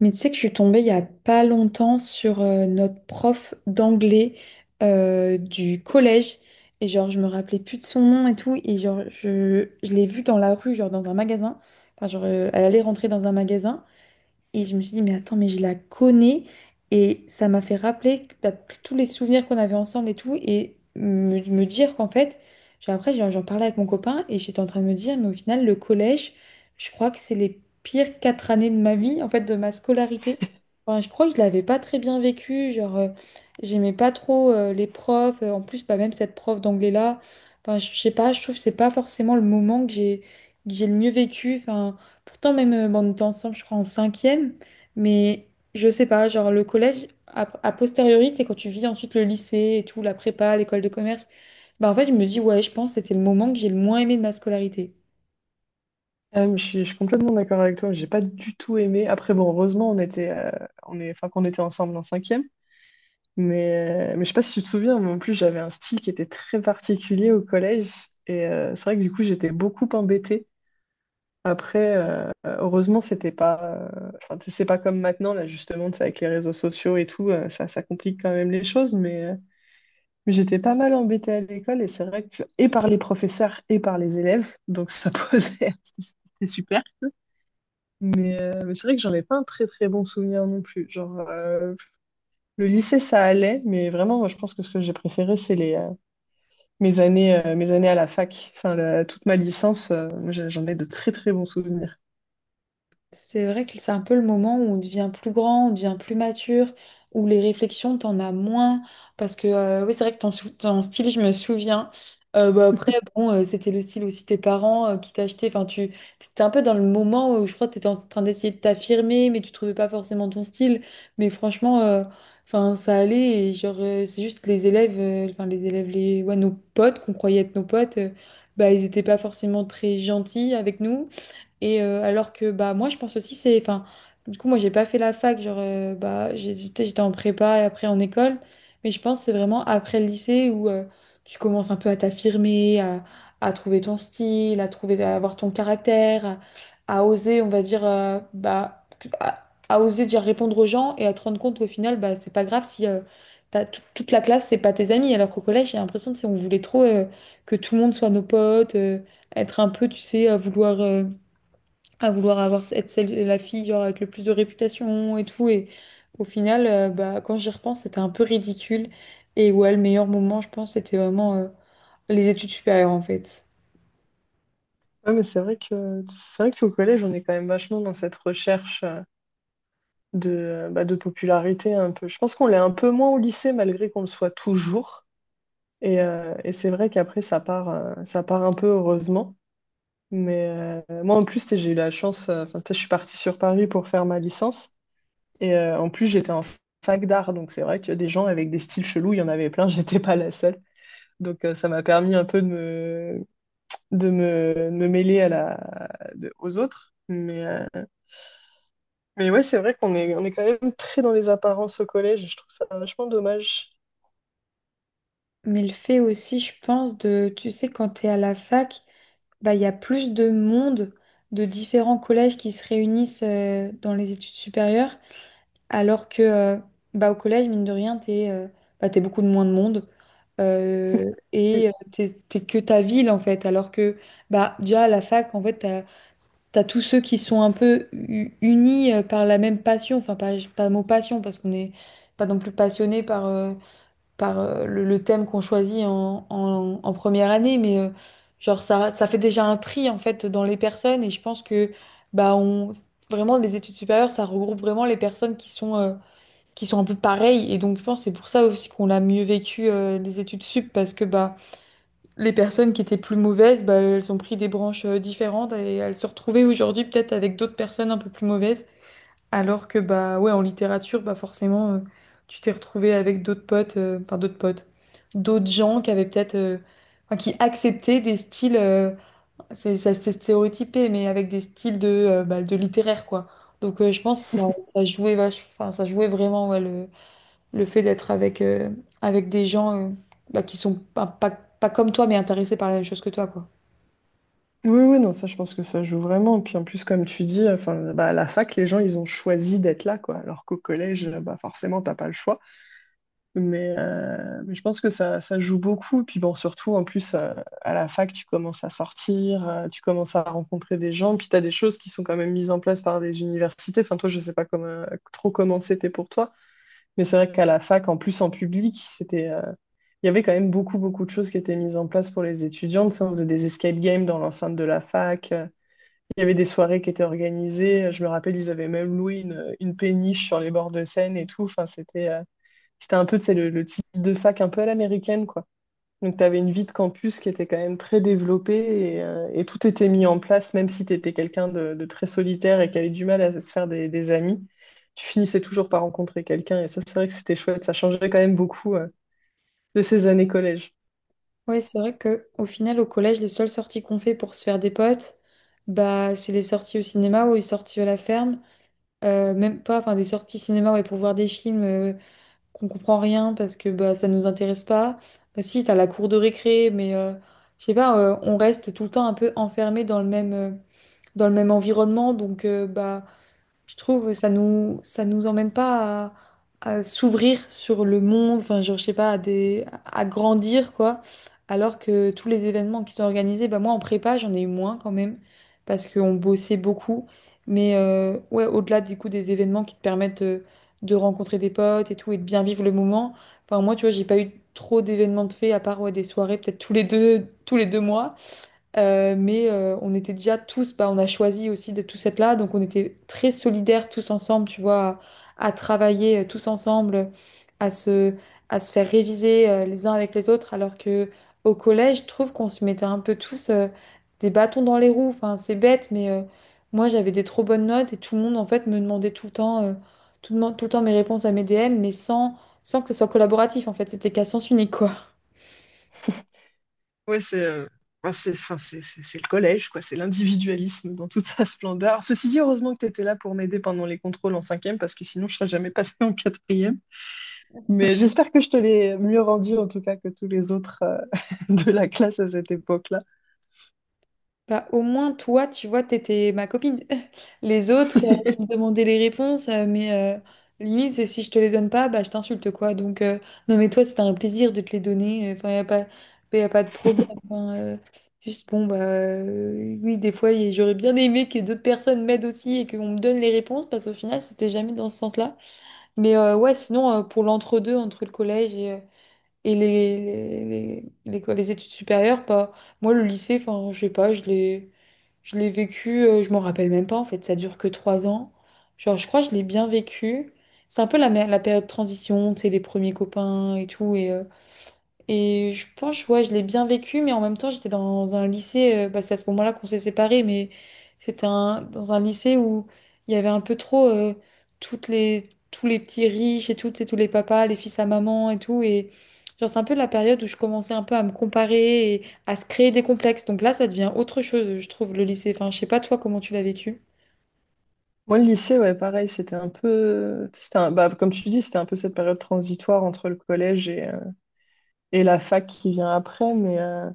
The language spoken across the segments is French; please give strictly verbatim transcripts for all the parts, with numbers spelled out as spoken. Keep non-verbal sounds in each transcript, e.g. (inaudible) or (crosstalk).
Mais tu sais que je suis tombée il y a pas longtemps sur euh, notre prof d'anglais euh, du collège. Et genre, je me rappelais plus de son nom et tout. Et genre, je, je l'ai vue dans la rue, genre dans un magasin. Enfin, genre, euh, elle allait rentrer dans un magasin. Et je me suis dit, mais attends, mais je la connais. Et ça m'a fait rappeler que- bah, tous les souvenirs qu'on avait ensemble et tout. Et me, me dire qu'en fait, j'ai- après, j'en j'en parlais avec mon copain et j'étais en train de me dire, mais au final, le collège, je crois que c'est les pires quatre années de ma vie, en fait, de ma scolarité. Enfin, je crois que je l'avais pas très bien vécu. Genre, euh, j'aimais pas trop euh, les profs. euh, En plus, bah, même cette prof d'anglais-là. Enfin, je je sais pas, je trouve que c'est pas forcément le moment que j'ai que j'ai le mieux vécu. Enfin, pourtant, même, euh, bon, on était ensemble, je crois, en cinquième, mais je sais pas, genre le collège, a, a posteriori, c'est quand tu vis ensuite le lycée et tout, la prépa, l'école de commerce, bah en fait, je me dis, ouais, je pense que c'était le moment que j'ai le moins aimé de ma scolarité. Ah, je suis, je suis complètement d'accord avec toi, j'ai pas du tout aimé. Après, bon, heureusement, on était, euh, on est, enfin, qu'on était ensemble en cinquième, mais, euh, mais je sais pas si tu te souviens, mais en plus, j'avais un style qui était très particulier au collège, et euh, c'est vrai que du coup, j'étais beaucoup embêtée. Après, euh, heureusement, c'était pas, euh, enfin, tu sais, c'est pas comme maintenant, là, justement, tu sais, avec les réseaux sociaux et tout, euh, ça, ça complique quand même les choses, mais, euh, mais j'étais pas mal embêtée à l'école, et c'est vrai que, et par les professeurs et par les élèves, donc ça (laughs) posait, c'était c'était super. Mais, euh, mais c'est vrai que j'en ai pas un très très bon souvenir non plus. Genre, euh, le lycée, ça allait, mais vraiment, moi, je pense que ce que j'ai préféré, c'est les, euh, mes années, euh, mes années à la fac. Enfin, la- toute ma licence, euh, j'ai- j'en ai de très très bons souvenirs. C'est vrai que c'est un peu le moment où on devient plus grand, on devient plus mature, où les réflexions, t'en as moins. Parce que, euh, oui, c'est vrai que ton, sou- ton style, je me souviens. Euh, bah, après, bon, euh, c'était le style aussi de tes parents euh, qui t'achetaient. Enfin, tu étais un peu dans le moment où je crois que t'étais en train d'essayer de t'affirmer, mais tu trouvais pas forcément ton style. Mais franchement, euh, enfin, ça allait. Et genre, euh, c'est juste que les élèves, euh, enfin, les élèves, les, ouais, nos potes qu'on croyait être nos potes, euh, bah, ils étaient pas forcément très gentils avec nous. Et euh, alors que bah moi je pense aussi c'est enfin du coup moi j'ai pas fait la fac genre euh, bah j'ai- j'étais j'étais en prépa et après en école, mais je pense que c'est vraiment après le lycée où euh, tu commences un peu à t'affirmer, à, à trouver ton style, à trouver à avoir ton caractère, à, à oser on va dire euh, bah que- à, à oser dire répondre aux gens et à te rendre compte qu'au final bah c'est pas grave si euh, t'as tout- toute la classe c'est pas tes amis, alors qu'au collège j'ai l'impression que c'est on voulait trop euh, que tout le monde soit nos potes, euh, être un peu tu sais à vouloir euh, à vouloir avoir être celle, la fille genre, avec le plus de réputation et tout. Et au final, euh, bah, quand j'y repense, c'était un peu ridicule. Et ouais, le meilleur moment, je pense, c'était vraiment euh, les études supérieures en fait. Ouais, mais c'est vrai que c'est vrai qu'au collège, on est quand même vachement dans cette recherche euh, de, euh, bah, de popularité un peu. Je pense qu'on l'est un peu moins au lycée, malgré qu'on le soit toujours. Et, euh, et c'est vrai qu'après, ça part, euh, ça part un peu heureusement. Mais euh, moi, en plus, tu sais, j'ai eu la chance, euh, enfin, tu sais, je suis partie sur Paris pour faire ma licence. Et euh, en plus, j'étais en fac d'art, donc c'est vrai que des gens avec des styles chelous, il y en avait plein, (laughs) j'étais pas la seule. Donc euh, ça m'a permis un peu de me, de me, de me mêler à la, de- aux autres. Mais, euh, mais ouais, c'est vrai qu'on est, on est quand même très dans les apparences au collège, et je trouve ça vachement dommage. Mais le fait aussi, je pense, de, tu sais, quand t'es à la fac, bah, il y a plus de monde de différents collèges qui se réunissent euh, dans les études supérieures. Alors que euh, bah, au collège, mine de rien, t'es euh, bah, t'es beaucoup de moins de monde, euh, Oui, et euh, t'es, t'es que ta ville en fait. Alors que bah, déjà à la fac, en fait, t'as, t'as tous ceux qui sont un peu u- unis euh, par la même passion. Enfin, pas, pas le mot passion parce qu'on n'est pas non plus passionné par, euh, par euh, le, le thème qu'on choisit en, en, en première année, mais euh, genre ça, ça fait déjà un tri en fait dans les personnes, et je pense que bah, on, vraiment les études supérieures, ça regroupe vraiment les personnes qui sont. euh, qui sont un peu pareils. Et donc, je pense que c'est pour ça aussi qu'on l'a mieux vécu euh, les études sup, parce que bah, les personnes qui étaient plus mauvaises, bah, elles ont pris des branches euh, différentes et elles se retrouvaient aujourd'hui peut-être avec d'autres personnes un peu plus mauvaises. Alors que bah ouais, en littérature, bah forcément, euh, tu t'es retrouvé avec d'autres potes, euh, enfin d'autres potes, d'autres gens qui avaient peut-être, euh, enfin, qui acceptaient des styles, euh, c'est ça- c'est stéréotypé, mais avec des styles de, euh, bah, de littéraire quoi. Donc euh, je pense que ça, ça jouait vache, enfin ça jouait vraiment ouais, le le fait d'être avec, euh, avec des gens euh, bah, qui sont pas, pas, pas comme toi, mais intéressés par la même chose que toi, quoi. oui, oui, non, ça, je pense que ça joue vraiment. Puis en plus, comme tu dis, enfin, bah, à la fac, les gens, ils ont choisi d'être là, quoi. Alors qu'au collège, bah, forcément, t'as pas le choix. Mais, euh, mais je pense que ça, ça joue beaucoup. Puis bon, surtout, en plus, euh, à la fac, tu commences à sortir, euh, tu commences à rencontrer des gens. Puis tu as des choses qui sont quand même mises en place par des universités. Enfin, toi, je sais pas comme, euh, trop comment c'était pour toi. Mais c'est vrai qu'à la fac, en plus, en public, c'était, euh, il y avait quand même beaucoup, beaucoup de choses qui étaient mises en place pour les étudiants. Tu sais, on faisait des escape games dans l'enceinte de la fac. Euh, Il y avait des soirées qui étaient organisées. Je me rappelle, ils avaient même loué une, une péniche sur les bords de Seine et tout. Enfin, c'était... euh, c'était un peu, c'est le, le type de fac un peu à l'américaine, quoi. Donc, tu avais une vie de campus qui était quand même très développée et, euh, et tout était mis en place, même si tu étais quelqu'un de, de très solitaire et qui avait du mal à se faire des, des amis. Tu finissais toujours par rencontrer quelqu'un et ça, c'est vrai que c'était chouette. Ça changeait quand même beaucoup euh, de ces années collège. Ouais, c'est vrai que au final, au collège, les seules sorties qu'on fait pour se faire des potes, bah, c'est les sorties au cinéma ou les sorties à la ferme. Euh, même pas, enfin, des sorties cinéma ouais, pour voir des films euh, qu'on comprend rien parce que bah, ça nous intéresse pas. Euh, si, t'as la cour de récré, mais euh, je sais pas, euh, on reste tout le temps un peu enfermé dans le même, euh, dans le même environnement. Donc, euh, bah, je trouve ça nous ça nous emmène pas à, à s'ouvrir sur le monde, enfin genre, je sais pas, à des à grandir quoi. Alors que tous les événements qui sont organisés, bah moi en prépa j'en ai eu moins quand même parce qu'on bossait beaucoup. Mais euh, ouais, au-delà du coup des événements qui te permettent de, de rencontrer des potes et tout et de bien vivre le moment. Enfin moi tu vois j'ai pas eu trop d'événements de fait à part ouais, des soirées peut-être tous les deux tous les deux mois. Euh, mais euh, on était déjà tous, bah, on a choisi aussi de tous être là, donc on était très solidaires tous ensemble, tu vois, à, à travailler euh, tous ensemble, à se, à se faire réviser euh, les uns avec les autres, alors que au collège, je trouve qu'on se mettait un peu tous euh, des bâtons dans les roues. Enfin, c'est bête, mais euh, moi j'avais des trop bonnes notes et tout le monde en fait me demandait tout le temps, euh, tout, le monde- tout le temps mes réponses à mes D M, mais sans, sans que ce soit collaboratif en fait, c'était qu'à sens unique quoi. Ouais, c'est euh, enfin, c'est enfin, c'est- c'est- c'est le collège, quoi. C'est l'individualisme dans toute sa splendeur. Ceci dit, heureusement que tu étais là pour m'aider pendant les contrôles en cinquième, parce que sinon, je serais jamais passée en quatrième. Mais j'espère que je te l'ai mieux rendu en tout cas que tous les autres euh, (laughs) de la classe à cette époque-là. Bah, au moins, toi, tu vois, t'étais ma copine. (laughs) Les autres, euh, ils me demandaient les réponses, euh, mais euh, limite, c'est si je te les donne pas, bah, je t'insulte, quoi. Donc, euh, non, mais toi, c'était un plaisir de te les donner. Enfin, y a pas, y a pas de problème. Enfin, euh, juste, bon, bah, euh, oui, des fois, y- j'aurais bien aimé que d'autres personnes m'aident aussi et qu'on me donne les réponses, parce qu'au final, c'était jamais dans ce sens-là. Mais euh, ouais, sinon, euh, pour l'entre-deux, entre le collège et, euh, et les, les, les, les les études supérieures, pas. Moi, le lycée, enfin, je sais pas, je l'ai, je l'ai vécu, euh, je m'en rappelle même pas, en fait, ça dure que trois ans. Genre, je crois que je l'ai bien vécu. C'est un peu la, mé- la période de transition, tu sais, les premiers copains et tout, et euh, et je pense, ouais, je l'ai bien vécu, mais en même temps, j'étais dans un lycée, euh, bah, c'est à ce moment-là qu'on s'est séparés, mais c'était un, dans un lycée où il y avait un peu trop euh, toutes les, tous les petits riches et tout, tu sais, tous les papas, les fils à maman et tout. Et genre, c'est un peu la période où je commençais un peu à me comparer et à se créer des complexes. Donc là, ça devient autre chose, je trouve, le lycée. Enfin, je sais pas, toi, comment tu l'as vécu. Moi, le lycée, ouais, pareil, c'était un peu, c'était un- bah, comme tu dis, c'était un peu cette période transitoire entre le collège et, euh, et la fac qui vient après. Mais euh,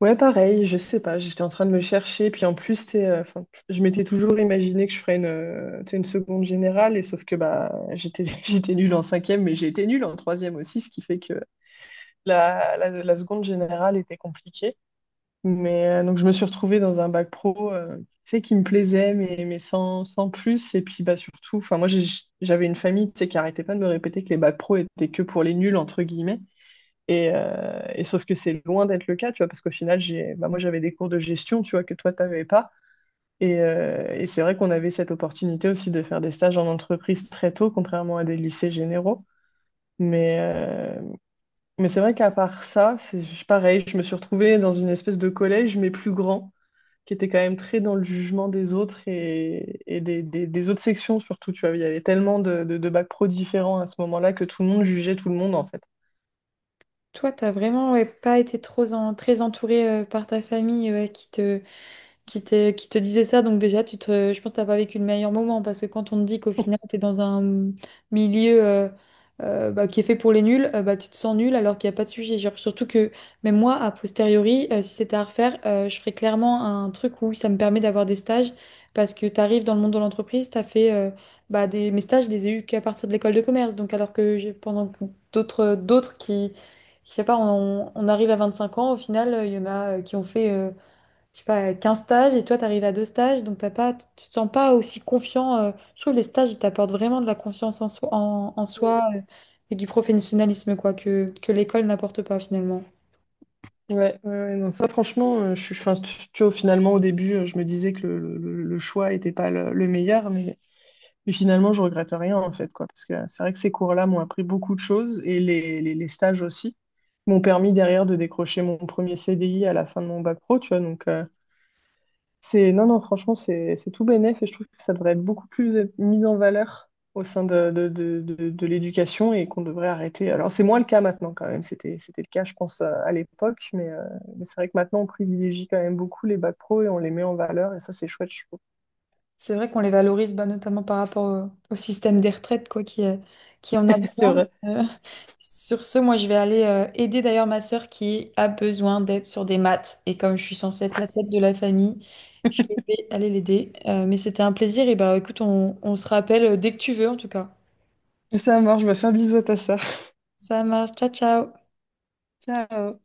ouais, pareil, je sais pas, j'étais en train de me chercher. Puis en plus, t'es, euh, 'fin, je m'étais toujours imaginé que je ferais une, euh, tu sais, une seconde générale, et sauf que bah, j'étais, (laughs) j'étais nulle en cinquième, mais j'ai été nulle en troisième aussi, ce qui fait que la, la la seconde générale était compliquée. Mais euh, donc je me suis retrouvée dans un bac pro, euh, tu sais, qui me plaisait, mais, mais sans, sans plus. Et puis bah surtout, enfin moi j'ai- j'avais une famille, tu sais, qui arrêtait pas de me répéter que les bacs pro étaient que pour les nuls entre guillemets. Et, euh, et sauf que c'est loin d'être le cas, tu vois, parce qu'au final j'ai, bah moi j'avais des cours de gestion, tu vois, que toi t'avais pas. Et, euh, et c'est vrai qu'on avait cette opportunité aussi de faire des stages en entreprise très tôt, contrairement à des lycées généraux. Mais, euh, mais c'est vrai qu'à part ça, c'est pareil, je me suis retrouvée dans une espèce de collège, mais plus grand qui était quand même très dans le jugement des autres et, et des, des- des autres sections surtout, tu vois. Il y avait tellement de, de, de bacs pro différents à ce moment-là que tout le monde jugeait tout le monde, en fait. Toi, t'as vraiment ouais, pas été trop en- très entourée euh, par ta famille euh, qui te qui te, qui te disait ça. Donc déjà, tu te, je pense que t'as pas vécu le meilleur moment parce que quand on te dit qu'au final, tu es dans un milieu euh, euh, bah, qui est fait pour les nuls, euh, bah, tu te sens nul alors qu'il n'y a pas de sujet. Genre, surtout que même moi, a posteriori, euh, si c'était à refaire, euh, je ferais clairement un truc où ça me permet d'avoir des stages parce que tu arrives dans le monde de l'entreprise, tu as fait euh, bah, des, mes stages, je les ai eus qu'à partir de l'école de commerce. Donc alors que j'ai pendant que d'autres d'autres qui... Je sais pas, on, on arrive à 25 ans, au final, euh, il y en a euh, qui ont fait euh, je sais pas, 15 stages et toi, tu arrives à deux stages, donc t'as pas, tu te sens pas aussi confiant. Euh, je trouve que les stages, ils t'apportent vraiment de la confiance en soi, en, en Mm. soi, euh, et du professionnalisme, quoi, que, que l'école n'apporte pas finalement. Ouais, ouais, ouais, non, ça franchement, euh, je suis, enfin, tu, tu vois, finalement au début, euh, je me disais que le, le- le- le choix n'était pas le, le meilleur, mais, mais finalement, je regrette rien en fait, quoi, parce que euh, c'est vrai que ces cours-là m'ont appris beaucoup de choses et les, les, les stages aussi m'ont permis derrière de décrocher mon premier C D I à la fin de mon bac pro, tu vois, donc euh, c'est, non, non, franchement, c'est c'est tout bénef et je trouve que ça devrait être beaucoup plus être mis en valeur au sein de, de, de, de, de l'éducation et qu'on devrait arrêter. Alors, c'est moins le cas maintenant quand même. C'était, c'était le cas, je pense, euh, à l'époque, mais, euh, mais c'est vrai que maintenant, on privilégie quand même beaucoup les bacs pro et on les met en valeur et ça, c'est chouette, je trouve. C'est vrai qu'on les valorise bah, notamment par rapport au, au système des retraites quoi, qui, euh, qui en a (laughs) C'est besoin. vrai. Euh, sur ce, moi, je vais aller euh, aider d'ailleurs ma sœur qui a besoin d'aide sur des maths. Et comme je suis censée être la tête de la famille, je vais aller l'aider. Euh, mais c'était un plaisir. Et bah écoute, on, on se rappelle euh, dès que tu veux en tout cas. Ça marche, je vais faire un bisou à ta sœur. Ça marche. Ciao, ciao. Ciao.